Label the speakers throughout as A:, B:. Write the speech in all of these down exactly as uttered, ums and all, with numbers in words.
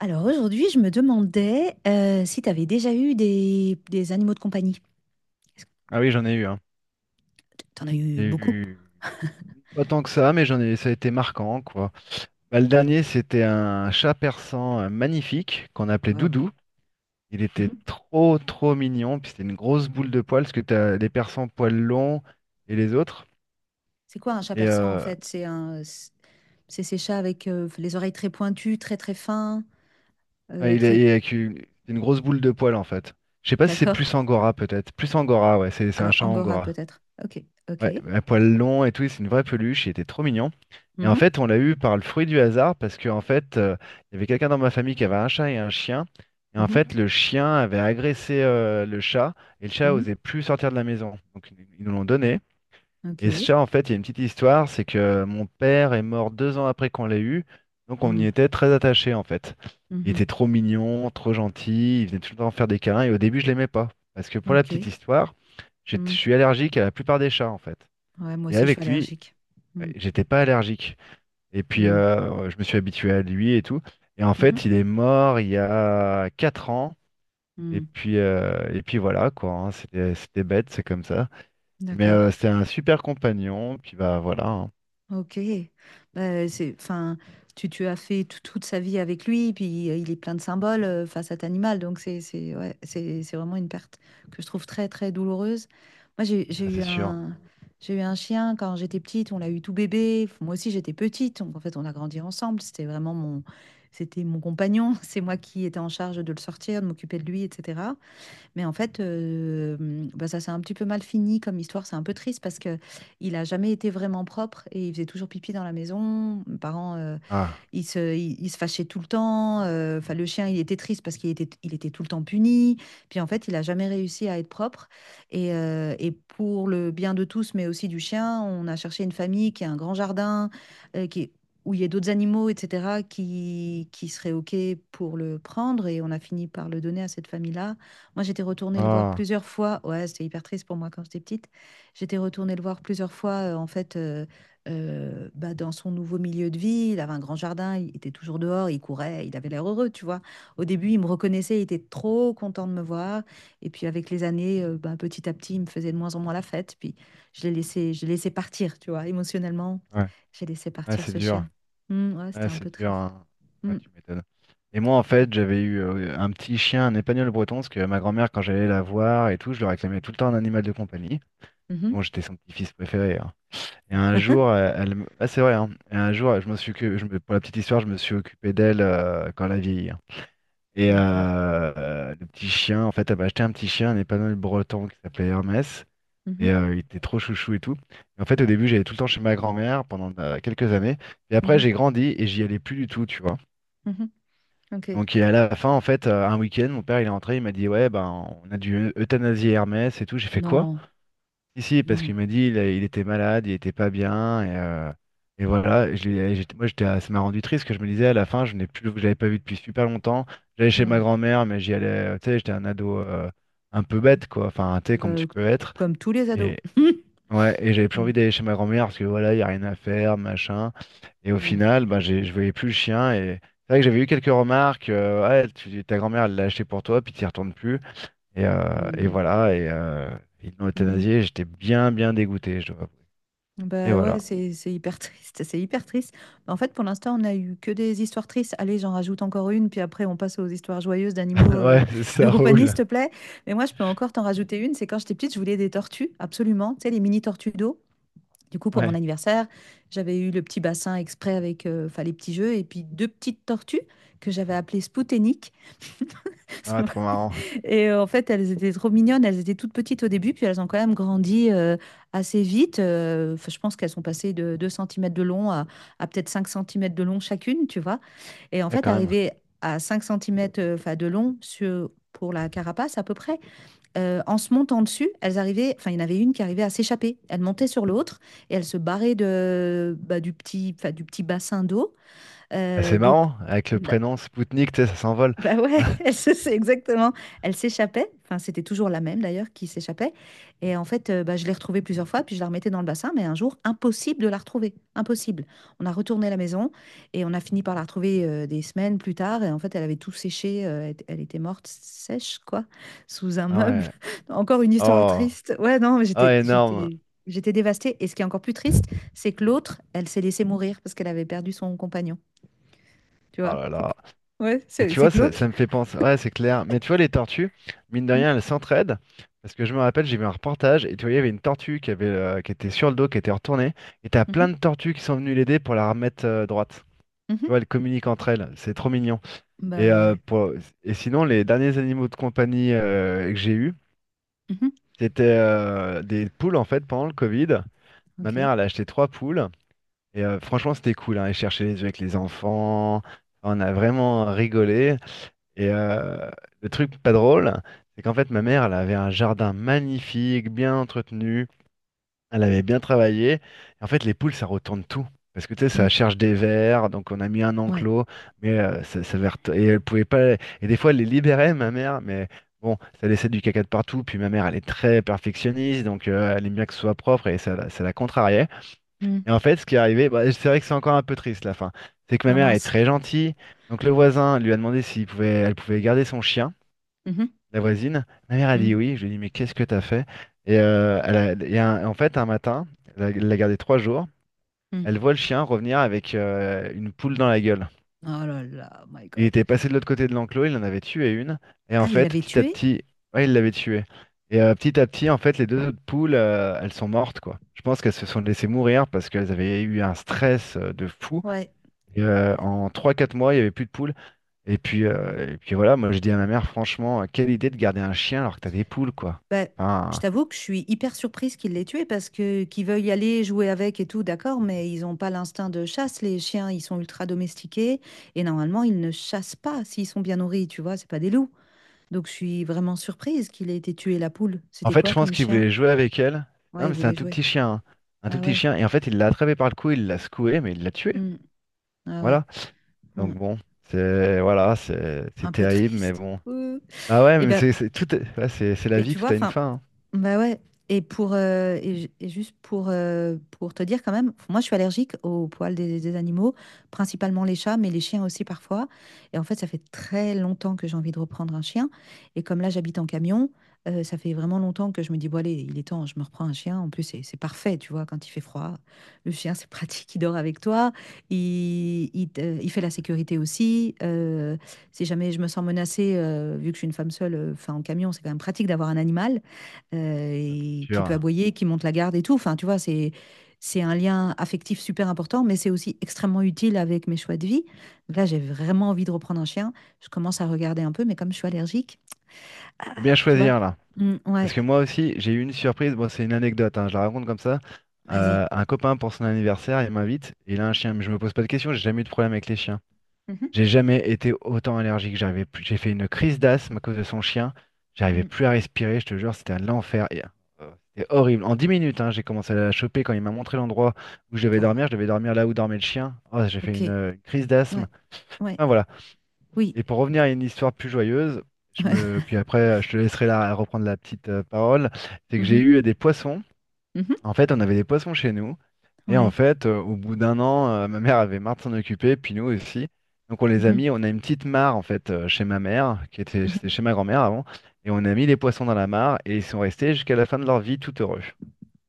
A: Alors aujourd'hui, je me demandais euh, si tu avais déjà eu des, des animaux de compagnie. Est-ce que
B: Ah oui, j'en ai eu, hein.
A: T'en as eu
B: J'ai
A: beaucoup?
B: eu pas tant que ça, mais j'en ai, ça a été marquant, quoi. Bah, le dernier, c'était un chat persan euh, magnifique qu'on appelait
A: Wow.
B: Doudou. Il était
A: Mhm.
B: trop, trop mignon. Puis c'était une grosse boule de poils, parce que t'as les persans poils longs et les autres.
A: C'est quoi un chat
B: Et
A: persan en
B: euh,
A: fait? C'est un, c'est c'est ces chats avec euh, les oreilles très pointues, très très fins,
B: ah,
A: euh,
B: il est
A: très.
B: il est avec une, c'est une grosse boule de poils, en fait. Je sais pas si c'est
A: D'accord?
B: plus Angora, peut-être. Plus Angora, ouais, c'est c'est un
A: Alors
B: chat
A: Angora
B: Angora.
A: peut-être. Ok, ok.
B: Ouais, à poil long et tout, c'est une vraie peluche, il était trop mignon. Et en
A: Mhm,
B: fait, on l'a eu par le fruit du hasard parce que en fait, euh, il y avait quelqu'un dans ma famille qui avait un chat et un chien. Et en
A: mhm,
B: fait, le chien avait agressé euh, le chat et le chat
A: mhm.
B: osait plus sortir de la maison. Donc ils ils nous l'ont donné. Et ce
A: Ok.
B: chat, en fait, il y a une petite histoire, c'est que mon père est mort deux ans après qu'on l'ait eu. Donc on
A: Mm,
B: y était très attachés en fait. Il
A: mhm.
B: était trop mignon, trop gentil, il venait tout le temps faire des câlins et au début, je l'aimais pas parce que pour la petite
A: Ok.
B: histoire, j'ai- je
A: Mm.
B: suis allergique à la plupart des chats en fait.
A: Ouais, moi
B: Et
A: aussi je suis
B: avec lui,
A: allergique.
B: ouais,
A: Mm,
B: j'étais pas allergique. Et puis,
A: mm,
B: euh, je me suis habitué à lui et tout. Et en
A: mhm,
B: fait, il est mort il y a quatre ans. Et
A: mm.
B: puis, euh, et puis voilà, quoi, hein. C'était, c'était bête, c'est comme ça. Mais
A: D'accord.
B: euh, c'était un super compagnon. Puis bah voilà, hein.
A: Ok. Bah, c'est, enfin, tu, tu as fait tout- toute sa vie avec lui, puis euh, il est plein de symboles euh, face à cet animal, donc c'est c'est ouais, c'est c'est vraiment une perte que je trouve très très douloureuse. Moi j'ai j'ai
B: Ah,
A: eu
B: c'est sûr.
A: un j'ai eu un chien quand j'étais petite, on l'a eu tout bébé. Moi aussi j'étais petite, donc en fait on a grandi ensemble. C'était vraiment mon c'était mon compagnon, c'est moi qui étais en charge de le sortir, de m'occuper de lui, et cetera. Mais en fait, heu, mmh, bah, ça s'est un petit peu mal fini comme histoire. C'est un peu triste parce que il a jamais été vraiment propre et il faisait toujours pipi dans la maison. Mes parents, euh,
B: Ah,
A: il se, il, il se fâchait tout le temps. Euh, Enfin, le chien, il était triste parce qu'il était, il était tout le temps puni. Puis en fait, il a jamais réussi à être propre. Et, euh, et pour le bien de tous, mais aussi du chien, on a cherché une famille qui a un grand jardin, euh, qui, est- où il y a d'autres animaux, et cetera, qui, qui seraient OK pour le prendre. Et on a fini par le donner à cette famille-là. Moi, j'étais retournée le voir
B: ah,
A: plusieurs fois. Ouais, c'était hyper triste pour moi quand j'étais petite. J'étais retournée le voir plusieurs fois, euh, en fait. euh, euh, bah, dans son nouveau milieu de vie, il avait un grand jardin, il était toujours dehors, il courait, il avait l'air heureux, tu vois. Au début, il me reconnaissait, il était trop content de me voir. Et puis avec les années, euh, bah, petit à petit, il me faisait de moins en moins la fête. Puis je l'ai laissé, je l'ai laissé partir, tu vois, émotionnellement,
B: ouais.
A: j'ai laissé
B: Ouais,
A: partir
B: c'est
A: ce
B: dur.
A: chien. Hmm, ouais, c'était
B: Ouais,
A: un peu
B: c'est dur,
A: triste.
B: hein. Ouais,
A: Hmm,
B: tu m'étonnes. Et moi, en
A: ouais.
B: fait, j'avais eu euh, un petit chien, un épagneul breton, parce que ma grand-mère, quand j'allais la voir et tout, je lui réclamais tout le temps un animal de compagnie. Puis
A: Mhm,
B: bon, j'étais son petit-fils préféré, hein. Et un jour, euh, elle, me- ah, c'est vrai, hein. Et un jour, je me suis, occu- je me- pour la petite histoire, je me suis occupé d'elle euh, quand elle a vieilli, hein. Et
A: d'accord.
B: euh, euh, le petit chien, en fait, elle m'a acheté un petit chien, un épanoui breton qui s'appelait Hermès. Et
A: Mhm,
B: euh, il était trop chouchou et tout. Et en fait, au début, j'allais tout le temps chez ma grand-mère pendant euh, quelques années. Et après,
A: mhm,
B: j'ai grandi et j'y allais plus du tout, tu vois.
A: mhm. Ok.
B: Donc, et à la fin, en fait, euh, un week-end, mon père, il est rentré, il m'a dit, ouais, ben, on a dû euthanasier Hermès et tout. J'ai fait quoi?
A: Non,
B: Si, si, parce qu'il
A: non,
B: m'a dit il, a- il était malade, il était pas bien, et, euh, et voilà. Je l'ai- j'étais- moi, j'étais, ça m'a rendu triste, parce que je me disais à la fin, je n'ai plus, je l'avais pas vu depuis super longtemps. J'allais chez ma
A: ouais.
B: grand-mère, mais j'y allais, euh, tu sais, j'étais un ado euh, un peu bête, quoi. Enfin, tu sais, comme
A: Bah,
B: tu
A: c-
B: peux être.
A: comme tous les ados.
B: Et ouais, et j'avais plus
A: Hmm,
B: envie d'aller chez ma grand-mère parce que voilà, il y a rien à faire, machin. Et au
A: hmm,
B: final, ben, j'ai, je voyais plus le chien. Et c'est vrai que j'avais eu quelques remarques. euh, ouais, tu- ta grand-mère elle l'a acheté pour toi, puis tu n'y retournes plus. Et, euh, et
A: hmm,
B: voilà, et euh, ils l'ont
A: hmm.
B: euthanasié, j'étais bien, bien dégoûté, je dois avouer. Et
A: Bah
B: voilà.
A: ouais, c'est c'est hyper triste, c'est hyper triste. Mais en fait, pour l'instant, on a eu que des histoires tristes. Allez, j'en rajoute encore une, puis après, on passe aux histoires joyeuses d'animaux euh,
B: Ouais, c'est
A: de
B: ça
A: compagnie, s'il
B: roule.
A: te plaît. Mais moi, je peux encore t'en rajouter une. C'est quand j'étais petite, je voulais des tortues, absolument. Tu sais, les mini tortues d'eau. Du coup, pour mon
B: Ouais,
A: anniversaire, j'avais eu le petit bassin exprès avec euh, enfin, les petits jeux et puis deux petites tortues que j'avais appelées Spouteniques.
B: Ah, trop marrant.
A: Et euh, en fait, elles étaient trop mignonnes. Elles étaient toutes petites au début, puis elles ont quand même grandi euh, assez vite. Euh, enfin, je pense qu'elles sont passées de deux centimètres de long à, à peut-être cinq centimètres de long chacune, tu vois. Et en
B: Ouais,
A: fait,
B: quand même.
A: arriver à cinq centimètres enfin, de long sur, pour la carapace à peu près, euh, en se montant dessus, elles arrivaient, enfin, il y en avait une qui arrivait à s'échapper. Elle montait sur l'autre et elle se barrait de, bah, du petit, enfin, du petit bassin d'eau.
B: Ah,
A: Euh,
B: c'est
A: donc,
B: marrant, avec le
A: bah,
B: prénom Spoutnik, tu sais, ça s'envole.
A: bah ouais, elle se- c'est exactement. Elle s'échappait, enfin c'était toujours la même d'ailleurs qui s'échappait. Et en fait, euh, bah, je l'ai retrouvée plusieurs fois, puis je la remettais dans le bassin, mais un jour, impossible de la retrouver, impossible. On a retourné à la maison et on a fini par la retrouver euh, des semaines plus tard. Et en fait, elle avait tout séché, euh, elle était elle était morte sèche, quoi, sous un
B: Ah
A: meuble.
B: ouais.
A: Encore une histoire
B: Oh,
A: triste. Ouais, non, mais
B: oh
A: j'étais,
B: énorme.
A: j'étais, j'étais dévastée. Et ce qui est encore plus triste, c'est que l'autre, elle s'est laissée mourir parce qu'elle avait perdu son compagnon. Tu
B: Oh
A: vois?
B: là
A: C'est que-
B: là.
A: Ouais,
B: Et
A: c'est
B: tu
A: c'est
B: vois, ça,
A: glauque.
B: ça me fait penser. Ouais, c'est clair. Mais tu vois, les tortues, mine de rien, elles s'entraident. Parce que je me rappelle, j'ai vu un reportage et tu vois, il y avait une tortue qui avait, euh, qui était sur le dos, qui était retournée. Et t'as
A: Mmh
B: plein
A: mh.
B: de tortues qui sont venues l'aider pour la remettre euh, droite.
A: Mmh
B: Tu
A: mh.
B: vois, elles communiquent entre elles, c'est trop mignon. Et,
A: Bah,
B: euh,
A: ouais.
B: pour- et sinon, les derniers animaux de compagnie euh, que j'ai eus,
A: Mmh mh.
B: c'était euh, des poules en fait pendant le Covid. Ma mère,
A: OK.
B: elle a acheté trois poules et euh, franchement, c'était cool. Hein. Elles cherchaient les œufs avec les enfants, on a vraiment rigolé. Et euh, le truc pas drôle, c'est qu'en fait, ma mère, elle avait un jardin magnifique, bien entretenu. Elle avait bien travaillé. En fait, les poules, ça retourne tout. Parce que tu sais, ça
A: Mmh.
B: cherche des vers, donc on a mis un
A: Ouais.
B: enclos, mais euh, ça, ça avait retou- et elle pouvait pas. Et des fois, elle les libérait, ma mère, mais bon, ça laissait du caca de partout. Puis ma mère, elle est très perfectionniste, donc euh, elle aime bien que ce soit propre et ça, la- ça la contrariait.
A: Mmh.
B: Et en fait, ce qui est arrivé, bah, c'est vrai que c'est encore un peu triste la fin. C'est que ma
A: Ah
B: mère est
A: mince.
B: très gentille, donc le voisin lui a demandé s'il pouvait, elle pouvait garder son chien
A: Mmh mh.
B: la voisine. Ma mère a dit
A: Mmh.
B: oui. Je lui ai dit, mais qu'est-ce que t'as fait? Et, euh, elle a- et un- en fait, un matin, elle a- elle l'a gardé trois jours.
A: Mmh.
B: Elle voit le chien revenir avec euh, une poule dans la gueule.
A: Oh là là, my
B: Il
A: god.
B: était passé de l'autre côté de l'enclos, il en avait tué une. Et en
A: Ah, il
B: fait,
A: l'avait
B: petit à
A: tué?
B: petit, ouais, il l'avait tué. Et euh, petit à petit, en fait, les deux autres poules, euh, elles sont mortes, quoi. Je pense qu'elles se sont laissées mourir parce qu'elles avaient eu un stress euh, de fou.
A: Ouais,
B: Et, euh,
A: ouais.
B: en trois quatre mois, il n'y avait plus de poules. Et puis, euh, et puis voilà, moi je dis à ma mère, franchement, euh, quelle idée de garder un chien alors que t'as des poules, quoi.
A: Bah, je
B: Enfin,
A: t'avoue que je suis hyper surprise qu'il l'ait tué parce que qu'ils veuillent aller jouer avec et tout, d'accord, mais ils ont pas l'instinct de chasse, les chiens, ils sont ultra domestiqués et normalement, ils ne chassent pas s'ils sont bien nourris, tu vois? C'est pas des loups. Donc, je suis vraiment surprise qu'il ait été tué, la poule.
B: en
A: C'était
B: fait,
A: quoi
B: je pense
A: comme
B: qu'il
A: chien?
B: voulait jouer avec elle.
A: Ouais,
B: Non,
A: il
B: mais c'est
A: voulait
B: un tout
A: jouer.
B: petit chien, hein. Un tout
A: Ah
B: petit
A: ouais.
B: chien. Et en fait, il l'a attrapé par le cou, il l'a secoué, mais il l'a tué.
A: Mmh. Ah ouais.
B: Voilà.
A: Mmh.
B: Donc bon, c'est voilà, c'est
A: Un
B: c'est
A: peu
B: terrible, mais
A: triste.
B: bon.
A: Ouh.
B: Bah ouais,
A: Et
B: mais
A: ben,
B: c'est c'est tout, est- ouais, c'est c'est la
A: et
B: vie,
A: tu vois,
B: tout a une
A: enfin,
B: fin, hein.
A: bah ouais. Et pour euh, et, ju- et juste pour euh, pour te dire quand même, moi je suis allergique aux poils des, des animaux, principalement les chats, mais les chiens aussi parfois. Et en fait, ça fait très longtemps que j'ai envie de reprendre un chien. Et comme là j'habite en camion, euh, ça fait vraiment longtemps que je me dis bon allez, il est temps, je me reprends un chien. En plus c'est c'est parfait, tu vois, quand il fait froid, le chien c'est pratique, il dort avec toi, il il, te- il fait la sécurité aussi. Euh, si jamais je me sens menacée, euh, vu que je suis une femme seule, euh, enfin en camion c'est quand même pratique d'avoir un animal euh,
B: C'est
A: et qui peut
B: sûr.
A: aboyer, qui monte la garde et tout. Enfin, tu vois, c'est c'est un lien affectif super important, mais c'est aussi extrêmement utile avec mes choix de vie. Donc là, j'ai vraiment envie de reprendre un chien. Je commence à regarder un peu, mais comme je suis allergique,
B: Faut bien
A: tu vois.
B: choisir là.
A: Mm,
B: Parce
A: ouais,
B: que moi aussi, j'ai eu une surprise. Bon, c'est une anecdote, hein, je la raconte comme ça.
A: vas-y.
B: Euh, un copain pour son anniversaire, il m'invite. Et Il a un chien, mais je me pose pas de questions. J'ai jamais eu de problème avec les chiens.
A: Mhm,
B: J'ai jamais été autant allergique. J'arrivais plus- J'ai fait une crise d'asthme à cause de son chien. J'arrivais
A: mm.
B: plus à respirer. Je te jure, c'était un enfer. Et, euh, C'était horrible. En dix minutes, hein, j'ai commencé à la choper quand il m'a montré l'endroit où je devais
A: Bon,
B: dormir. Je devais dormir là où dormait le chien. Oh, j'ai fait
A: ok.
B: une, euh, une crise d'asthme.
A: Ouais, ouais,
B: Enfin voilà.
A: oui.
B: Et pour revenir
A: Ouais.
B: à une histoire plus joyeuse, je me... puis après, je te laisserai la... reprendre la petite euh, parole. C'est que j'ai
A: Mhm,
B: eu des poissons.
A: mhm,
B: En fait, on avait des poissons chez nous. Et en
A: ouais.
B: fait, euh, au bout d'un an, euh, ma mère avait marre de s'en occuper, puis nous aussi. Donc on les a
A: Mhm,
B: mis, on a une petite mare en fait euh, chez ma mère, qui était, c'était
A: mhm.
B: chez ma grand-mère avant, et on a mis les poissons dans la mare et ils sont restés jusqu'à la fin de leur vie tout heureux.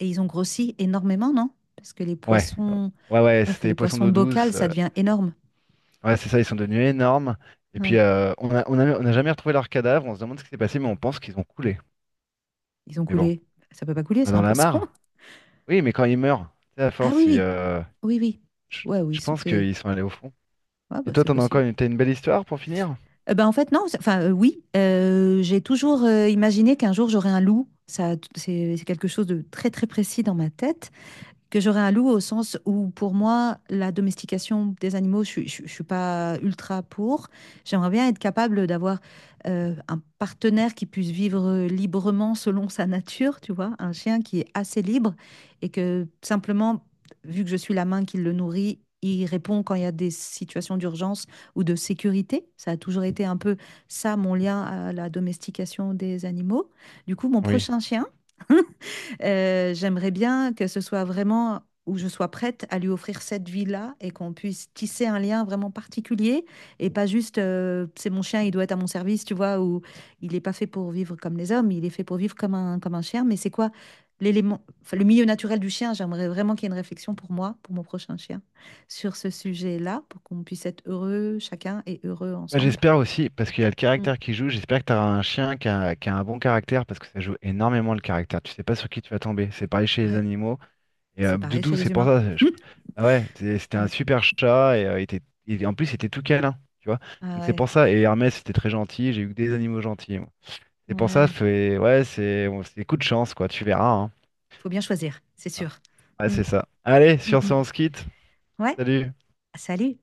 A: Et ils ont grossi énormément, non? Parce que les
B: Ouais,
A: poissons,
B: ouais, ouais,
A: ouais, enfin,
B: c'était des
A: les
B: poissons
A: poissons
B: d'eau
A: de
B: douce.
A: bocal, ça
B: euh,
A: devient énorme.
B: ouais, c'est ça, ils sont devenus énormes. Et puis
A: Ouais.
B: euh, on a, on a- on n'a jamais retrouvé leurs cadavres, on se demande ce qui s'est passé, mais on pense qu'ils ont coulé.
A: Ils ont
B: Mais bon,
A: coulé. Ça peut pas couler,
B: Bah,
A: c'est
B: dans
A: un
B: la
A: poisson.
B: mare? Oui, mais quand ils meurent, tu sais, à
A: Ah oui,
B: force, ils,
A: oui,
B: euh,
A: oui, oui.
B: je
A: Ouais, oui, ils
B: je
A: sont
B: pense
A: faits.
B: qu'ils sont allés au fond.
A: Ah
B: Et
A: bah,
B: toi,
A: c'est
B: t'en as encore
A: possible.
B: une, t'as une belle histoire pour finir?
A: Euh, bah, en fait, non, c'est- enfin, euh, oui, euh, j'ai toujours euh, imaginé qu'un jour j'aurais un loup. Ça, t- c'est c'est quelque chose de très, très précis dans ma tête que j'aurais un loup au sens où, pour moi, la domestication des animaux, je ne suis pas ultra pour. J'aimerais bien être capable d'avoir euh, un partenaire qui puisse vivre librement selon sa nature, tu vois, un chien qui est assez libre et que simplement, vu que je suis la main qui le nourrit, il répond quand il y a des situations d'urgence ou de sécurité. Ça a toujours été un peu ça, mon lien à la domestication des animaux. Du coup, mon
B: Oui.
A: prochain chien, euh, j'aimerais bien que ce soit vraiment où je sois prête à lui offrir cette vie-là et qu'on puisse tisser un lien vraiment particulier et pas juste euh, c'est mon chien, il doit être à mon service, tu vois, ou il n'est pas fait pour vivre comme les hommes, il est fait pour vivre comme un, comme un chien. Mais c'est quoi l'élément, enfin, le milieu naturel du chien? J'aimerais vraiment qu'il y ait une réflexion pour moi, pour mon prochain chien, sur ce sujet-là pour qu'on puisse être heureux chacun et heureux
B: Bah,
A: ensemble.
B: j'espère aussi, parce qu'il y a le
A: Mm.
B: caractère qui joue, j'espère que tu auras un chien qui a, qui a un bon caractère, parce que ça joue énormément le caractère. Tu sais pas sur qui tu vas tomber. C'est pareil chez les
A: Ouais,
B: animaux. Et
A: c'est
B: euh,
A: pareil
B: Doudou,
A: chez
B: c'est
A: les
B: pour
A: humains.
B: ça. je- Ah ouais, c'est- c'était un
A: Ouais.
B: super chat, et euh, il était- il- en plus, il était tout câlin, tu vois.
A: Ah
B: Donc c'est pour
A: ouais,
B: ça. Et Hermès, c'était très gentil, j'ai eu que des animaux gentils. moi. C'est pour ça,
A: ouais.
B: fait... ouais, c'est bon, c'est coup de chance, quoi, tu verras, hein.
A: Faut bien choisir, c'est sûr.
B: Ouais,
A: Mmh,
B: c'est ça. Allez,
A: mmh
B: sur ce,
A: mh.
B: on se quitte.
A: Ouais,
B: Salut.
A: salut.